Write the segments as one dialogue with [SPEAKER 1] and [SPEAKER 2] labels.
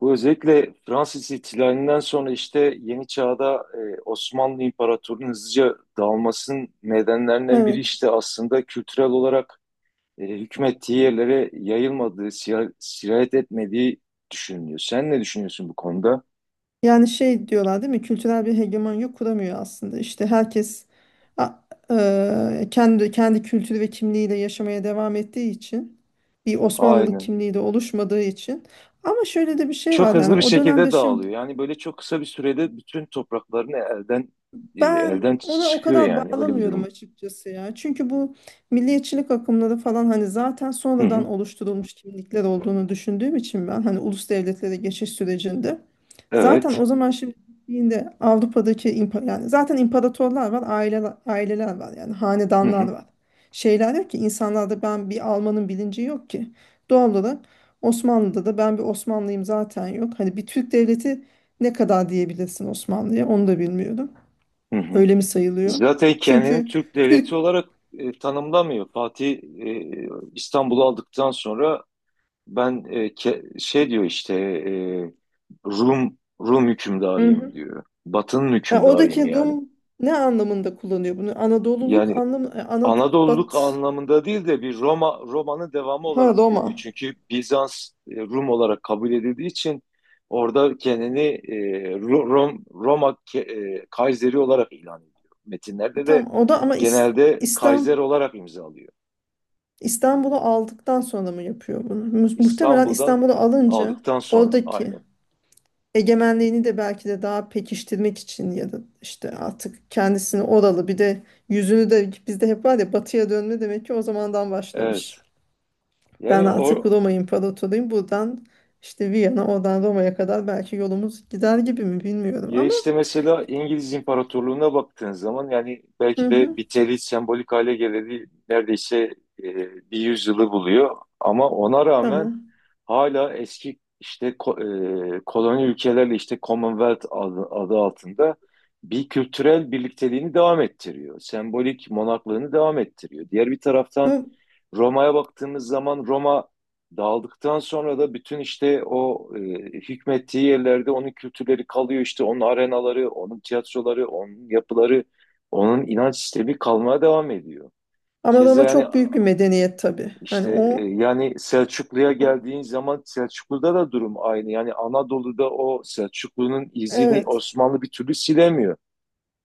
[SPEAKER 1] Bu özellikle Fransız ihtilalinden sonra işte yeni çağda Osmanlı İmparatorluğu'nun hızlıca dağılmasının nedenlerinden biri
[SPEAKER 2] Evet.
[SPEAKER 1] işte aslında kültürel olarak hükmettiği yerlere yayılmadığı, sirayet etmediği düşünülüyor. Sen ne düşünüyorsun bu konuda?
[SPEAKER 2] Yani şey diyorlar değil mi? Kültürel bir hegemonya kuramıyor aslında. İşte herkes a- kendi kültürü ve kimliğiyle yaşamaya devam ettiği için bir Osmanlılık
[SPEAKER 1] Aynen.
[SPEAKER 2] kimliği de oluşmadığı için. Ama şöyle de bir şey
[SPEAKER 1] Çok
[SPEAKER 2] var yani
[SPEAKER 1] hızlı bir
[SPEAKER 2] o dönemde
[SPEAKER 1] şekilde
[SPEAKER 2] şimdi.
[SPEAKER 1] dağılıyor. Yani böyle çok kısa bir sürede bütün topraklarını
[SPEAKER 2] Ben
[SPEAKER 1] elden
[SPEAKER 2] ona o
[SPEAKER 1] çıkıyor
[SPEAKER 2] kadar
[SPEAKER 1] yani öyle bir
[SPEAKER 2] bağlamıyorum
[SPEAKER 1] durum.
[SPEAKER 2] açıkçası ya. Çünkü bu milliyetçilik akımları falan hani zaten
[SPEAKER 1] Hı
[SPEAKER 2] sonradan
[SPEAKER 1] hı.
[SPEAKER 2] oluşturulmuş kimlikler olduğunu düşündüğüm için ben hani ulus devletlere geçiş sürecinde zaten
[SPEAKER 1] Evet.
[SPEAKER 2] o zaman şimdi gittiğinde Avrupa'daki yani zaten imparatorlar var, aileler, aileler var yani
[SPEAKER 1] Hı hı.
[SPEAKER 2] hanedanlar var. Şeyler yok ki insanlarda, ben bir Alman'ın bilinci yok ki. Doğal olarak Osmanlı'da da ben bir Osmanlıyım zaten yok. Hani bir Türk devleti ne kadar diyebilirsin Osmanlı'ya, onu da bilmiyorum.
[SPEAKER 1] Hı hı.
[SPEAKER 2] Öyle mi sayılıyor?
[SPEAKER 1] Zaten kendini
[SPEAKER 2] Çünkü
[SPEAKER 1] Türk
[SPEAKER 2] Türk.
[SPEAKER 1] devleti olarak tanımlamıyor. Fatih İstanbul'u aldıktan sonra ben şey diyor işte Rum
[SPEAKER 2] Hı
[SPEAKER 1] hükümdarıyım
[SPEAKER 2] hı.
[SPEAKER 1] diyor. Batı'nın
[SPEAKER 2] Yani
[SPEAKER 1] hükümdarıyım
[SPEAKER 2] oradaki
[SPEAKER 1] yani.
[SPEAKER 2] Rum ne anlamında kullanıyor bunu? Anadoluluk
[SPEAKER 1] Yani
[SPEAKER 2] anlamı
[SPEAKER 1] Anadolu'luk
[SPEAKER 2] Bat
[SPEAKER 1] anlamında değil de bir Roma'nın devamı
[SPEAKER 2] ha
[SPEAKER 1] olarak
[SPEAKER 2] Roma.
[SPEAKER 1] görüyor. Çünkü Bizans Rum olarak kabul edildiği için orada kendini e, Ro- Rom, Roma ke- e, Kayseri olarak ilan ediyor. Metinlerde
[SPEAKER 2] Tam
[SPEAKER 1] de
[SPEAKER 2] o da ama
[SPEAKER 1] genelde
[SPEAKER 2] İslam,
[SPEAKER 1] Kaiser olarak imzalıyor.
[SPEAKER 2] İstanbul'u aldıktan sonra mı yapıyor bunu? Muhtemelen
[SPEAKER 1] İstanbul'dan
[SPEAKER 2] İstanbul'u alınca
[SPEAKER 1] aldıktan sonra
[SPEAKER 2] oradaki
[SPEAKER 1] aynı.
[SPEAKER 2] egemenliğini de belki de daha pekiştirmek için, ya da işte artık kendisini oralı bir de yüzünü de, bizde hep var ya batıya dönme, demek ki o zamandan başlamış.
[SPEAKER 1] Evet.
[SPEAKER 2] Ben
[SPEAKER 1] Yani o
[SPEAKER 2] artık Roma İmparatoruyum. Buradan işte Viyana, oradan Roma'ya kadar belki yolumuz gider gibi mi bilmiyorum
[SPEAKER 1] Ya
[SPEAKER 2] ama.
[SPEAKER 1] işte mesela İngiliz İmparatorluğu'na baktığın zaman yani
[SPEAKER 2] Hı
[SPEAKER 1] belki de bir
[SPEAKER 2] hı,
[SPEAKER 1] biteli sembolik hale geleli neredeyse e, bir yüzyılı buluyor. Ama ona rağmen
[SPEAKER 2] tamam.
[SPEAKER 1] hala eski işte koloni ülkelerle işte Commonwealth adı altında bir kültürel birlikteliğini devam ettiriyor. Sembolik monaklığını devam ettiriyor. Diğer bir taraftan
[SPEAKER 2] Bu,
[SPEAKER 1] Roma'ya baktığımız zaman Roma dağıldıktan sonra da bütün işte o hükmettiği yerlerde onun kültürleri kalıyor, işte onun arenaları, onun tiyatroları, onun yapıları, onun inanç sistemi kalmaya devam ediyor.
[SPEAKER 2] ama
[SPEAKER 1] Keza
[SPEAKER 2] Roma
[SPEAKER 1] yani
[SPEAKER 2] çok büyük bir medeniyet tabii. Yani
[SPEAKER 1] işte yani Selçuklu'ya
[SPEAKER 2] o-
[SPEAKER 1] geldiğin zaman Selçuklu'da da durum aynı. Yani Anadolu'da o Selçuklu'nun izini
[SPEAKER 2] evet,
[SPEAKER 1] Osmanlı bir türlü silemiyor.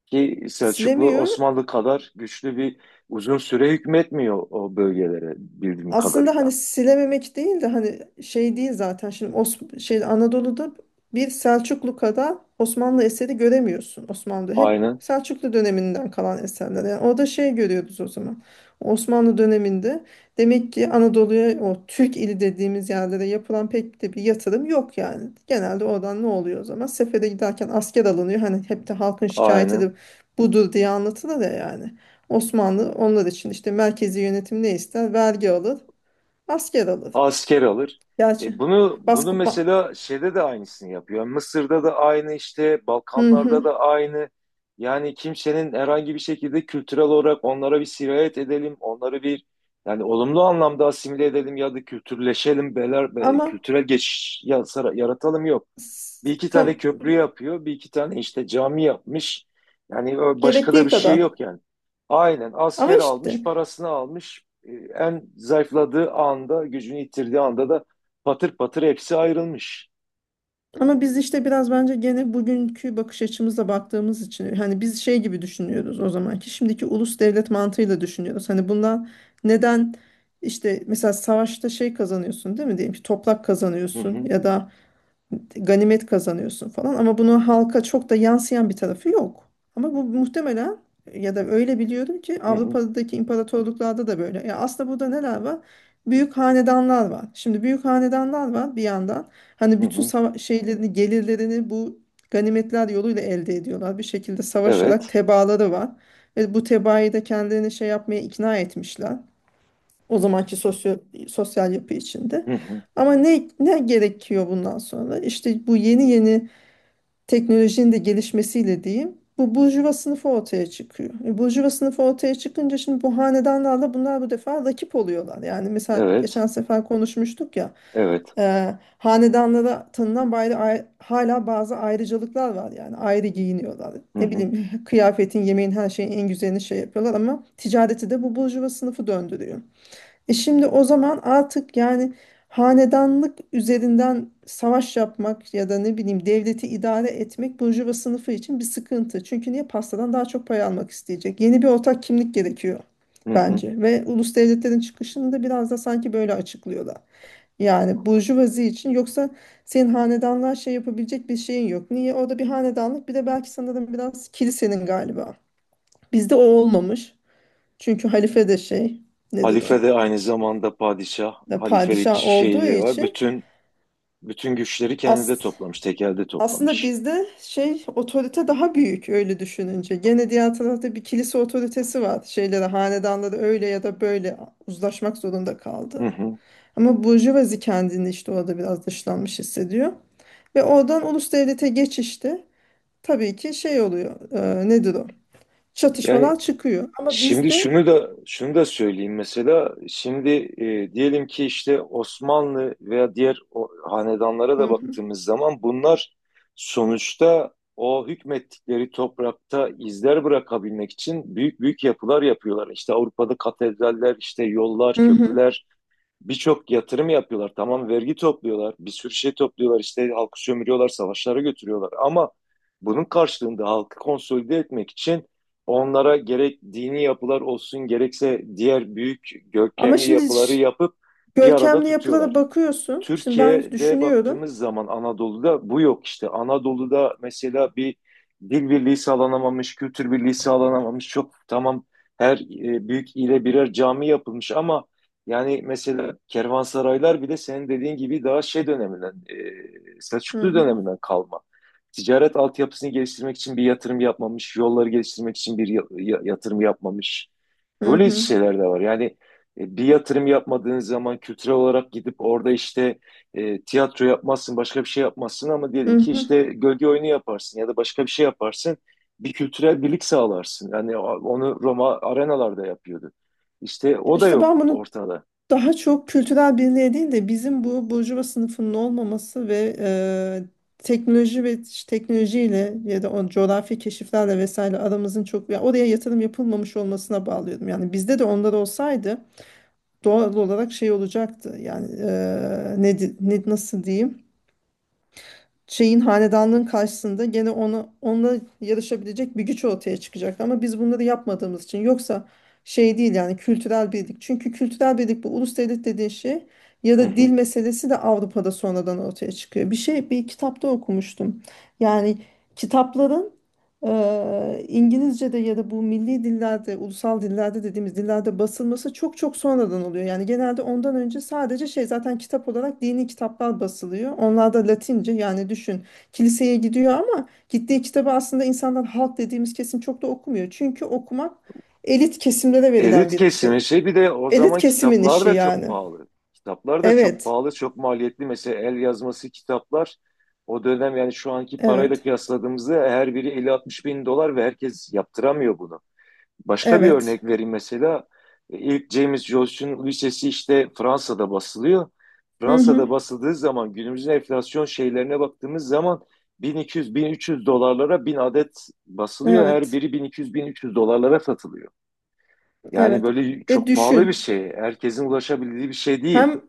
[SPEAKER 1] Ki Selçuklu
[SPEAKER 2] silemiyor.
[SPEAKER 1] Osmanlı kadar güçlü bir uzun süre hükmetmiyor o bölgelere bildiğim
[SPEAKER 2] Aslında
[SPEAKER 1] kadarıyla.
[SPEAKER 2] hani silememek değil de, hani şey değil zaten şimdi şey, Anadolu'da bir Selçuklu kadar Osmanlı eseri göremiyorsun, Osmanlı hep
[SPEAKER 1] Aynen,
[SPEAKER 2] Selçuklu döneminden kalan eserler, yani orada şey görüyoruz o zaman, Osmanlı döneminde demek ki Anadolu'ya o Türk ili dediğimiz yerlere yapılan pek de bir yatırım yok, yani genelde oradan ne oluyor o zaman, sefere giderken asker alınıyor, hani hep de halkın şikayeti
[SPEAKER 1] aynen.
[SPEAKER 2] de budur diye anlatılır ya, yani Osmanlı onlar için işte merkezi yönetim, ne ister vergi alır. Maskeralı.
[SPEAKER 1] Asker alır.
[SPEAKER 2] Gerçi.
[SPEAKER 1] E bunu
[SPEAKER 2] Basketbol.
[SPEAKER 1] mesela şeyde de aynısını yapıyor. Mısır'da da aynı işte,
[SPEAKER 2] Hı
[SPEAKER 1] Balkanlarda
[SPEAKER 2] hı.
[SPEAKER 1] da aynı. Yani kimsenin herhangi bir şekilde kültürel olarak onlara bir sirayet edelim, onları bir yani olumlu anlamda asimile edelim ya da kültürleşelim,
[SPEAKER 2] Ama
[SPEAKER 1] kültürel geçiş yaratalım yok. Bir iki
[SPEAKER 2] tam
[SPEAKER 1] tane köprü yapıyor, bir iki tane işte cami yapmış. Yani başka da
[SPEAKER 2] gerektiği
[SPEAKER 1] bir şey
[SPEAKER 2] kadar.
[SPEAKER 1] yok yani. Aynen
[SPEAKER 2] Ama
[SPEAKER 1] asker
[SPEAKER 2] işte,
[SPEAKER 1] almış, parasını almış. En zayıfladığı anda, gücünü yitirdiği anda da patır patır hepsi ayrılmış.
[SPEAKER 2] ama biz işte biraz bence gene bugünkü bakış açımızla baktığımız için hani biz şey gibi düşünüyoruz, o zamanki, şimdiki ulus devlet mantığıyla düşünüyoruz. Hani bundan neden işte mesela savaşta şey kazanıyorsun değil mi, diyelim ki toprak
[SPEAKER 1] Hı
[SPEAKER 2] kazanıyorsun
[SPEAKER 1] hı,
[SPEAKER 2] ya da ganimet kazanıyorsun falan, ama bunu halka çok da yansıyan bir tarafı yok. Ama bu muhtemelen, ya da öyle biliyorum ki,
[SPEAKER 1] hı hı,
[SPEAKER 2] Avrupa'daki imparatorluklarda da böyle. Ya aslında burada neler var? Büyük hanedanlar var. Şimdi büyük hanedanlar var bir yandan. Hani
[SPEAKER 1] hı
[SPEAKER 2] bütün
[SPEAKER 1] hı.
[SPEAKER 2] şeylerini, gelirlerini bu ganimetler yoluyla elde ediyorlar. Bir şekilde savaşarak
[SPEAKER 1] Evet,
[SPEAKER 2] tebaaları var. Ve bu tebaayı da kendilerini şey yapmaya ikna etmişler. O zamanki sosyal yapı içinde.
[SPEAKER 1] hı hı,
[SPEAKER 2] Ama ne gerekiyor bundan sonra? İşte bu yeni yeni teknolojinin de gelişmesiyle diyeyim, bu burjuva sınıfı ortaya çıkıyor. E, burjuva sınıfı ortaya çıkınca şimdi bu hanedanlarla bunlar bu defa rakip oluyorlar. Yani mesela
[SPEAKER 1] evet,
[SPEAKER 2] geçen sefer konuşmuştuk ya.
[SPEAKER 1] evet.
[SPEAKER 2] E, hanedanlara tanınan hala bazı ayrıcalıklar var, yani ayrı giyiniyorlar.
[SPEAKER 1] Hı
[SPEAKER 2] Ne
[SPEAKER 1] hı,
[SPEAKER 2] bileyim kıyafetin, yemeğin, her şeyin en güzelini şey yapıyorlar, ama ticareti de bu burjuva sınıfı döndürüyor. E şimdi o zaman artık yani hanedanlık üzerinden savaş yapmak ya da ne bileyim devleti idare etmek burjuva sınıfı için bir sıkıntı. Çünkü niye pastadan daha çok pay almak isteyecek? Yeni bir ortak kimlik gerekiyor
[SPEAKER 1] hı hı.
[SPEAKER 2] bence, ve ulus devletlerin çıkışını da biraz da sanki böyle açıklıyorlar. Yani burjuvazi için yoksa senin hanedanlığa şey yapabilecek bir şeyin yok. Niye? Orada bir hanedanlık, bir de belki, sanırım biraz kilisenin galiba. Bizde o olmamış. Çünkü halife de şey, nedir o?
[SPEAKER 1] Halife de aynı zamanda padişah,
[SPEAKER 2] Da
[SPEAKER 1] halifelik
[SPEAKER 2] padişah
[SPEAKER 1] şeyi
[SPEAKER 2] olduğu
[SPEAKER 1] de var.
[SPEAKER 2] için
[SPEAKER 1] Bütün güçleri kendinde
[SPEAKER 2] as
[SPEAKER 1] toplamış, tekelde
[SPEAKER 2] aslında
[SPEAKER 1] toplamış.
[SPEAKER 2] bizde şey otorite daha büyük öyle düşününce. Gene diğer tarafta bir kilise otoritesi var. Şeyleri, hanedanları öyle ya da böyle uzlaşmak zorunda
[SPEAKER 1] Hı
[SPEAKER 2] kaldı.
[SPEAKER 1] hı.
[SPEAKER 2] Ama burjuvazi kendini işte orada biraz dışlanmış hissediyor. Ve oradan ulus devlete geçişte tabii ki şey oluyor, nedir o?
[SPEAKER 1] Yani,
[SPEAKER 2] Çatışmalar çıkıyor. Ama
[SPEAKER 1] şimdi
[SPEAKER 2] bizde.
[SPEAKER 1] şunu da şunu da söyleyeyim mesela şimdi diyelim ki işte Osmanlı veya diğer o, hanedanlara
[SPEAKER 2] Hı
[SPEAKER 1] da
[SPEAKER 2] hı.
[SPEAKER 1] baktığımız zaman bunlar sonuçta o hükmettikleri toprakta izler bırakabilmek için büyük büyük yapılar yapıyorlar. İşte Avrupa'da katedraller, işte yollar,
[SPEAKER 2] Hı hı.
[SPEAKER 1] köprüler, birçok yatırım yapıyorlar. Tamam, vergi topluyorlar, bir sürü şey topluyorlar, işte halkı sömürüyorlar, savaşlara götürüyorlar. Ama bunun karşılığında halkı konsolide etmek için onlara gerek dini yapılar olsun, gerekse diğer büyük
[SPEAKER 2] Ama
[SPEAKER 1] görkemli
[SPEAKER 2] şimdi
[SPEAKER 1] yapıları yapıp bir arada
[SPEAKER 2] görkemli yapılara
[SPEAKER 1] tutuyorlar.
[SPEAKER 2] bakıyorsun. Şimdi ben
[SPEAKER 1] Türkiye'de
[SPEAKER 2] düşünüyorum.
[SPEAKER 1] baktığımız zaman Anadolu'da bu yok işte. Anadolu'da mesela bir dil birliği sağlanamamış, kültür birliği sağlanamamış. Çok tamam, her büyük ile birer cami yapılmış ama yani mesela kervansaraylar bile senin dediğin gibi daha şey döneminden,
[SPEAKER 2] Hı
[SPEAKER 1] Selçuklu
[SPEAKER 2] hı.
[SPEAKER 1] döneminden kalma. Ticaret altyapısını geliştirmek için bir yatırım yapmamış, yolları geliştirmek için bir yatırım yapmamış.
[SPEAKER 2] Hı
[SPEAKER 1] Böyle
[SPEAKER 2] hı.
[SPEAKER 1] şeyler de var. Yani bir yatırım yapmadığınız zaman kültürel olarak gidip orada işte tiyatro yapmazsın, başka bir şey yapmazsın ama
[SPEAKER 2] Hı
[SPEAKER 1] diyelim ki
[SPEAKER 2] hı.
[SPEAKER 1] işte gölge oyunu yaparsın ya da başka bir şey yaparsın. Bir kültürel birlik sağlarsın. Yani onu Roma arenalarda yapıyordu. İşte
[SPEAKER 2] Ya
[SPEAKER 1] o da
[SPEAKER 2] İşte
[SPEAKER 1] yok
[SPEAKER 2] ben bunu
[SPEAKER 1] ortada.
[SPEAKER 2] daha çok kültürel birliğe değil de, bizim bu burjuva sınıfının olmaması ve teknoloji ve teknolojiyle ya da o coğrafi keşiflerle vesaire aramızın çok, ya oraya yatırım yapılmamış olmasına bağlıyordum. Yani bizde de onlar olsaydı doğal olarak şey olacaktı. Yani ne nasıl diyeyim? Şeyin, hanedanlığın karşısında gene ona, onunla yarışabilecek bir güç ortaya çıkacak. Ama biz bunları yapmadığımız için, yoksa şey değil yani kültürel birlik. Çünkü kültürel birlik bu ulus devlet dediğin şey, ya
[SPEAKER 1] Hı
[SPEAKER 2] da dil
[SPEAKER 1] hı.
[SPEAKER 2] meselesi de Avrupa'da sonradan ortaya çıkıyor. Bir şey bir kitapta okumuştum. Yani kitapların İngilizce'de ya da bu milli dillerde, ulusal dillerde dediğimiz dillerde basılması çok çok sonradan oluyor. Yani genelde ondan önce sadece şey, zaten kitap olarak dini kitaplar basılıyor. Onlar da Latince, yani düşün, kiliseye gidiyor ama gittiği kitabı aslında insanlar, halk dediğimiz kesim çok da okumuyor. Çünkü okumak elit kesimlere verilen
[SPEAKER 1] Elit
[SPEAKER 2] bir
[SPEAKER 1] kesimi
[SPEAKER 2] şey.
[SPEAKER 1] şey bir de o
[SPEAKER 2] Elit
[SPEAKER 1] zaman
[SPEAKER 2] kesimin
[SPEAKER 1] kitaplar
[SPEAKER 2] işi
[SPEAKER 1] da
[SPEAKER 2] yani.
[SPEAKER 1] çok pahalı. Kitaplar da çok
[SPEAKER 2] Evet,
[SPEAKER 1] pahalı, çok maliyetli. Mesela el yazması kitaplar o dönem yani şu anki parayla
[SPEAKER 2] evet,
[SPEAKER 1] kıyasladığımızda her biri 50-60 bin dolar ve herkes yaptıramıyor bunu. Başka bir örnek
[SPEAKER 2] evet.
[SPEAKER 1] vereyim mesela. İlk James Joyce'un Lisesi işte Fransa'da basılıyor.
[SPEAKER 2] Hı hı,
[SPEAKER 1] Fransa'da basıldığı zaman günümüzün enflasyon şeylerine baktığımız zaman 1200-1300 dolarlara 1000 adet basılıyor. Her
[SPEAKER 2] evet,
[SPEAKER 1] biri 1200-1300 dolarlara satılıyor. Yani
[SPEAKER 2] evet.
[SPEAKER 1] böyle
[SPEAKER 2] Ve
[SPEAKER 1] çok pahalı bir
[SPEAKER 2] düşün.
[SPEAKER 1] şey. Herkesin ulaşabildiği bir şey değil.
[SPEAKER 2] Hem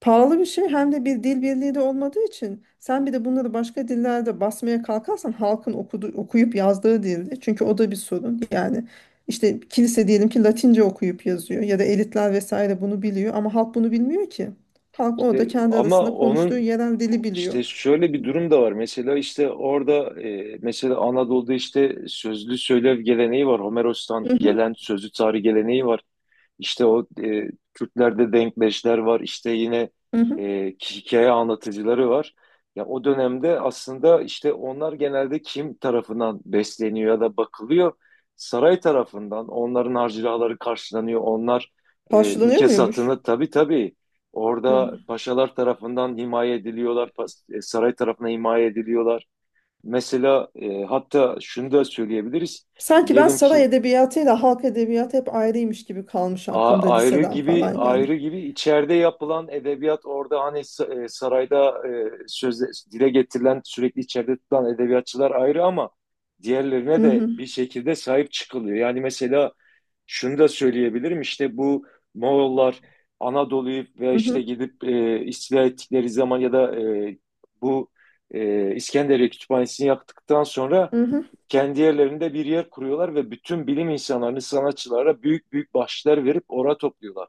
[SPEAKER 2] pahalı bir şey, hem de bir dil birliği de olmadığı için, sen bir de bunları başka dillerde basmaya kalkarsan, halkın okuyup yazdığı dilde, çünkü o da bir sorun yani. İşte kilise diyelim ki Latince okuyup yazıyor ya da elitler vesaire bunu biliyor ama halk bunu bilmiyor ki, halk orada
[SPEAKER 1] İşte
[SPEAKER 2] kendi
[SPEAKER 1] ama
[SPEAKER 2] arasında konuştuğu
[SPEAKER 1] onun
[SPEAKER 2] yerel dili biliyor.
[SPEAKER 1] işte şöyle bir durum da var. Mesela işte orada mesela Anadolu'da işte sözlü söylev geleneği var. Homeros'tan
[SPEAKER 2] Hı hı,
[SPEAKER 1] gelen sözlü tarih geleneği var. İşte o, Kürtlerde denkleşler var. İşte yine
[SPEAKER 2] hı hı.
[SPEAKER 1] hikaye anlatıcıları var. Ya o dönemde aslında işte onlar genelde kim tarafından besleniyor ya da bakılıyor? Saray tarafından. Onların harcırahları karşılanıyor. Onlar
[SPEAKER 2] Karşılanıyor
[SPEAKER 1] ülke
[SPEAKER 2] muymuş?
[SPEAKER 1] satını tabii, tabii,
[SPEAKER 2] Hı.
[SPEAKER 1] orada paşalar tarafından himaye ediliyorlar. Saray tarafına himaye ediliyorlar. Mesela hatta şunu da söyleyebiliriz.
[SPEAKER 2] Sanki ben
[SPEAKER 1] Diyelim
[SPEAKER 2] saray
[SPEAKER 1] ki
[SPEAKER 2] edebiyatıyla halk edebiyatı hep ayrıymış gibi kalmış aklımda,
[SPEAKER 1] Ayrı
[SPEAKER 2] liseden
[SPEAKER 1] gibi,
[SPEAKER 2] falan yani.
[SPEAKER 1] ayrı gibi içeride yapılan edebiyat orada hani sarayda sözde dile getirilen sürekli içeride tutulan edebiyatçılar ayrı ama diğerlerine
[SPEAKER 2] Hı
[SPEAKER 1] de
[SPEAKER 2] hı,
[SPEAKER 1] bir şekilde sahip çıkılıyor. Yani mesela şunu da söyleyebilirim işte bu Moğollar Anadolu'yu ve
[SPEAKER 2] hı
[SPEAKER 1] işte
[SPEAKER 2] hı,
[SPEAKER 1] gidip istila ettikleri zaman ya da bu İskenderiye Kütüphanesi'ni yaktıktan sonra
[SPEAKER 2] hı hı.
[SPEAKER 1] kendi yerlerinde bir yer kuruyorlar ve bütün bilim insanlarını, sanatçılara büyük büyük bahşişler verip oraya topluyorlar.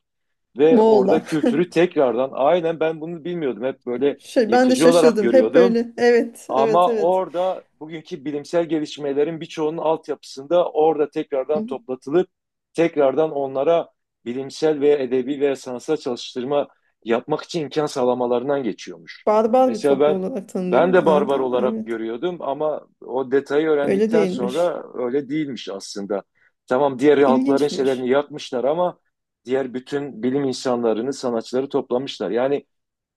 [SPEAKER 1] Ve orada
[SPEAKER 2] Moğollar.
[SPEAKER 1] kültürü tekrardan, aynen, ben bunu bilmiyordum, hep böyle
[SPEAKER 2] Şey, ben de
[SPEAKER 1] yıkıcı olarak
[SPEAKER 2] şaşırdım. Hep
[SPEAKER 1] görüyordum.
[SPEAKER 2] böyle. Evet, evet,
[SPEAKER 1] Ama
[SPEAKER 2] evet.
[SPEAKER 1] orada bugünkü bilimsel gelişmelerin birçoğunun altyapısında orada tekrardan toplatılıp tekrardan onlara bilimsel veya edebi veya sanatsal çalıştırma yapmak için imkan sağlamalarından geçiyormuş.
[SPEAKER 2] Barbar bir
[SPEAKER 1] Mesela
[SPEAKER 2] toplum
[SPEAKER 1] ben
[SPEAKER 2] olarak
[SPEAKER 1] ben
[SPEAKER 2] tanınıyor
[SPEAKER 1] de
[SPEAKER 2] genelde
[SPEAKER 1] barbar
[SPEAKER 2] ama,
[SPEAKER 1] olarak
[SPEAKER 2] evet.
[SPEAKER 1] görüyordum ama o detayı
[SPEAKER 2] Öyle
[SPEAKER 1] öğrendikten
[SPEAKER 2] değilmiş.
[SPEAKER 1] sonra öyle değilmiş aslında. Tamam, diğer halkların şeylerini
[SPEAKER 2] İlginçmiş.
[SPEAKER 1] yakmışlar ama diğer bütün bilim insanlarını, sanatçıları toplamışlar. Yani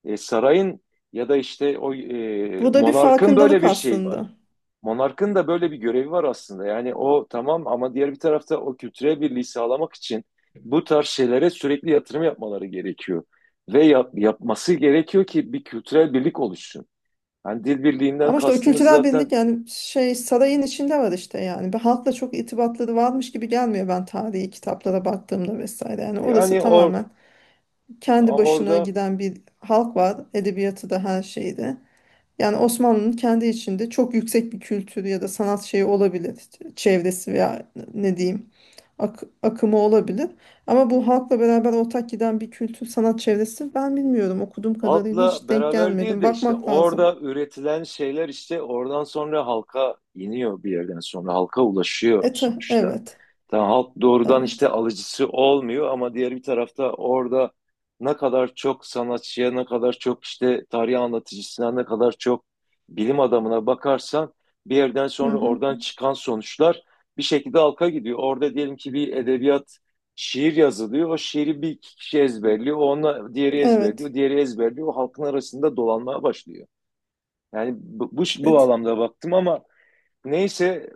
[SPEAKER 1] sarayın ya da işte o,
[SPEAKER 2] Bu da bir
[SPEAKER 1] monarkın böyle
[SPEAKER 2] farkındalık
[SPEAKER 1] bir şeyi var.
[SPEAKER 2] aslında.
[SPEAKER 1] Monarkın da böyle bir görevi var aslında. Yani o tamam ama diğer bir tarafta o kültürel birliği sağlamak için bu tarz şeylere sürekli yatırım yapmaları gerekiyor. Ve yapması gerekiyor ki bir kültürel birlik oluşsun. Yani dil birliğinden
[SPEAKER 2] Ama işte o
[SPEAKER 1] kastımız
[SPEAKER 2] kültürel
[SPEAKER 1] zaten
[SPEAKER 2] birlik yani şey sarayın içinde var işte yani. Bir halkla çok irtibatları varmış gibi gelmiyor ben tarihi kitaplara baktığımda vesaire. Yani
[SPEAKER 1] yani,
[SPEAKER 2] orası tamamen kendi başına
[SPEAKER 1] orada
[SPEAKER 2] giden bir halk var. Edebiyatı da, her şeyde. Yani Osmanlı'nın kendi içinde çok yüksek bir kültürü ya da sanat şeyi olabilir. Çevresi veya ne diyeyim akımı olabilir. Ama bu halkla beraber ortak giden bir kültür sanat çevresi ben bilmiyorum. Okuduğum kadarıyla
[SPEAKER 1] halkla
[SPEAKER 2] hiç denk
[SPEAKER 1] beraber değil
[SPEAKER 2] gelmedim.
[SPEAKER 1] de işte
[SPEAKER 2] Bakmak lazım.
[SPEAKER 1] orada üretilen şeyler işte oradan sonra halka iniyor, bir yerden sonra halka ulaşıyor
[SPEAKER 2] Ete,
[SPEAKER 1] sonuçta.
[SPEAKER 2] evet.
[SPEAKER 1] Tamam, halk doğrudan işte
[SPEAKER 2] Evet.
[SPEAKER 1] alıcısı olmuyor ama diğer bir tarafta orada ne kadar çok sanatçıya, ne kadar çok işte tarih anlatıcısına, ne kadar çok bilim adamına bakarsan bir yerden
[SPEAKER 2] Hı
[SPEAKER 1] sonra
[SPEAKER 2] hı.
[SPEAKER 1] oradan çıkan sonuçlar bir şekilde halka gidiyor. Orada diyelim ki bir edebiyat şiir yazılıyor. O şiiri bir iki kişi ezberliyor. Ona diğeri
[SPEAKER 2] Evet.
[SPEAKER 1] ezberliyor. Diğeri ezberliyor. O halkın arasında dolanmaya başlıyor. Yani bu
[SPEAKER 2] Evet.
[SPEAKER 1] anlamda baktım ama neyse,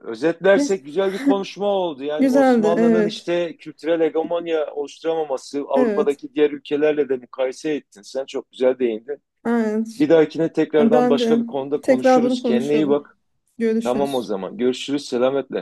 [SPEAKER 2] Ne-
[SPEAKER 1] özetlersek güzel bir konuşma oldu. Yani
[SPEAKER 2] Güzeldi.
[SPEAKER 1] Osmanlı'nın
[SPEAKER 2] Evet.
[SPEAKER 1] işte kültürel hegemonya oluşturamaması
[SPEAKER 2] Evet.
[SPEAKER 1] Avrupa'daki diğer ülkelerle de mukayese ettin. Sen çok güzel değindin.
[SPEAKER 2] Aynen.
[SPEAKER 1] Bir dahakine tekrardan
[SPEAKER 2] Ben
[SPEAKER 1] başka
[SPEAKER 2] de
[SPEAKER 1] bir konuda
[SPEAKER 2] tekrar
[SPEAKER 1] konuşuruz.
[SPEAKER 2] bunu
[SPEAKER 1] Kendine iyi
[SPEAKER 2] konuşalım.
[SPEAKER 1] bak. Tamam o
[SPEAKER 2] Görüşürüz.
[SPEAKER 1] zaman. Görüşürüz. Selametle.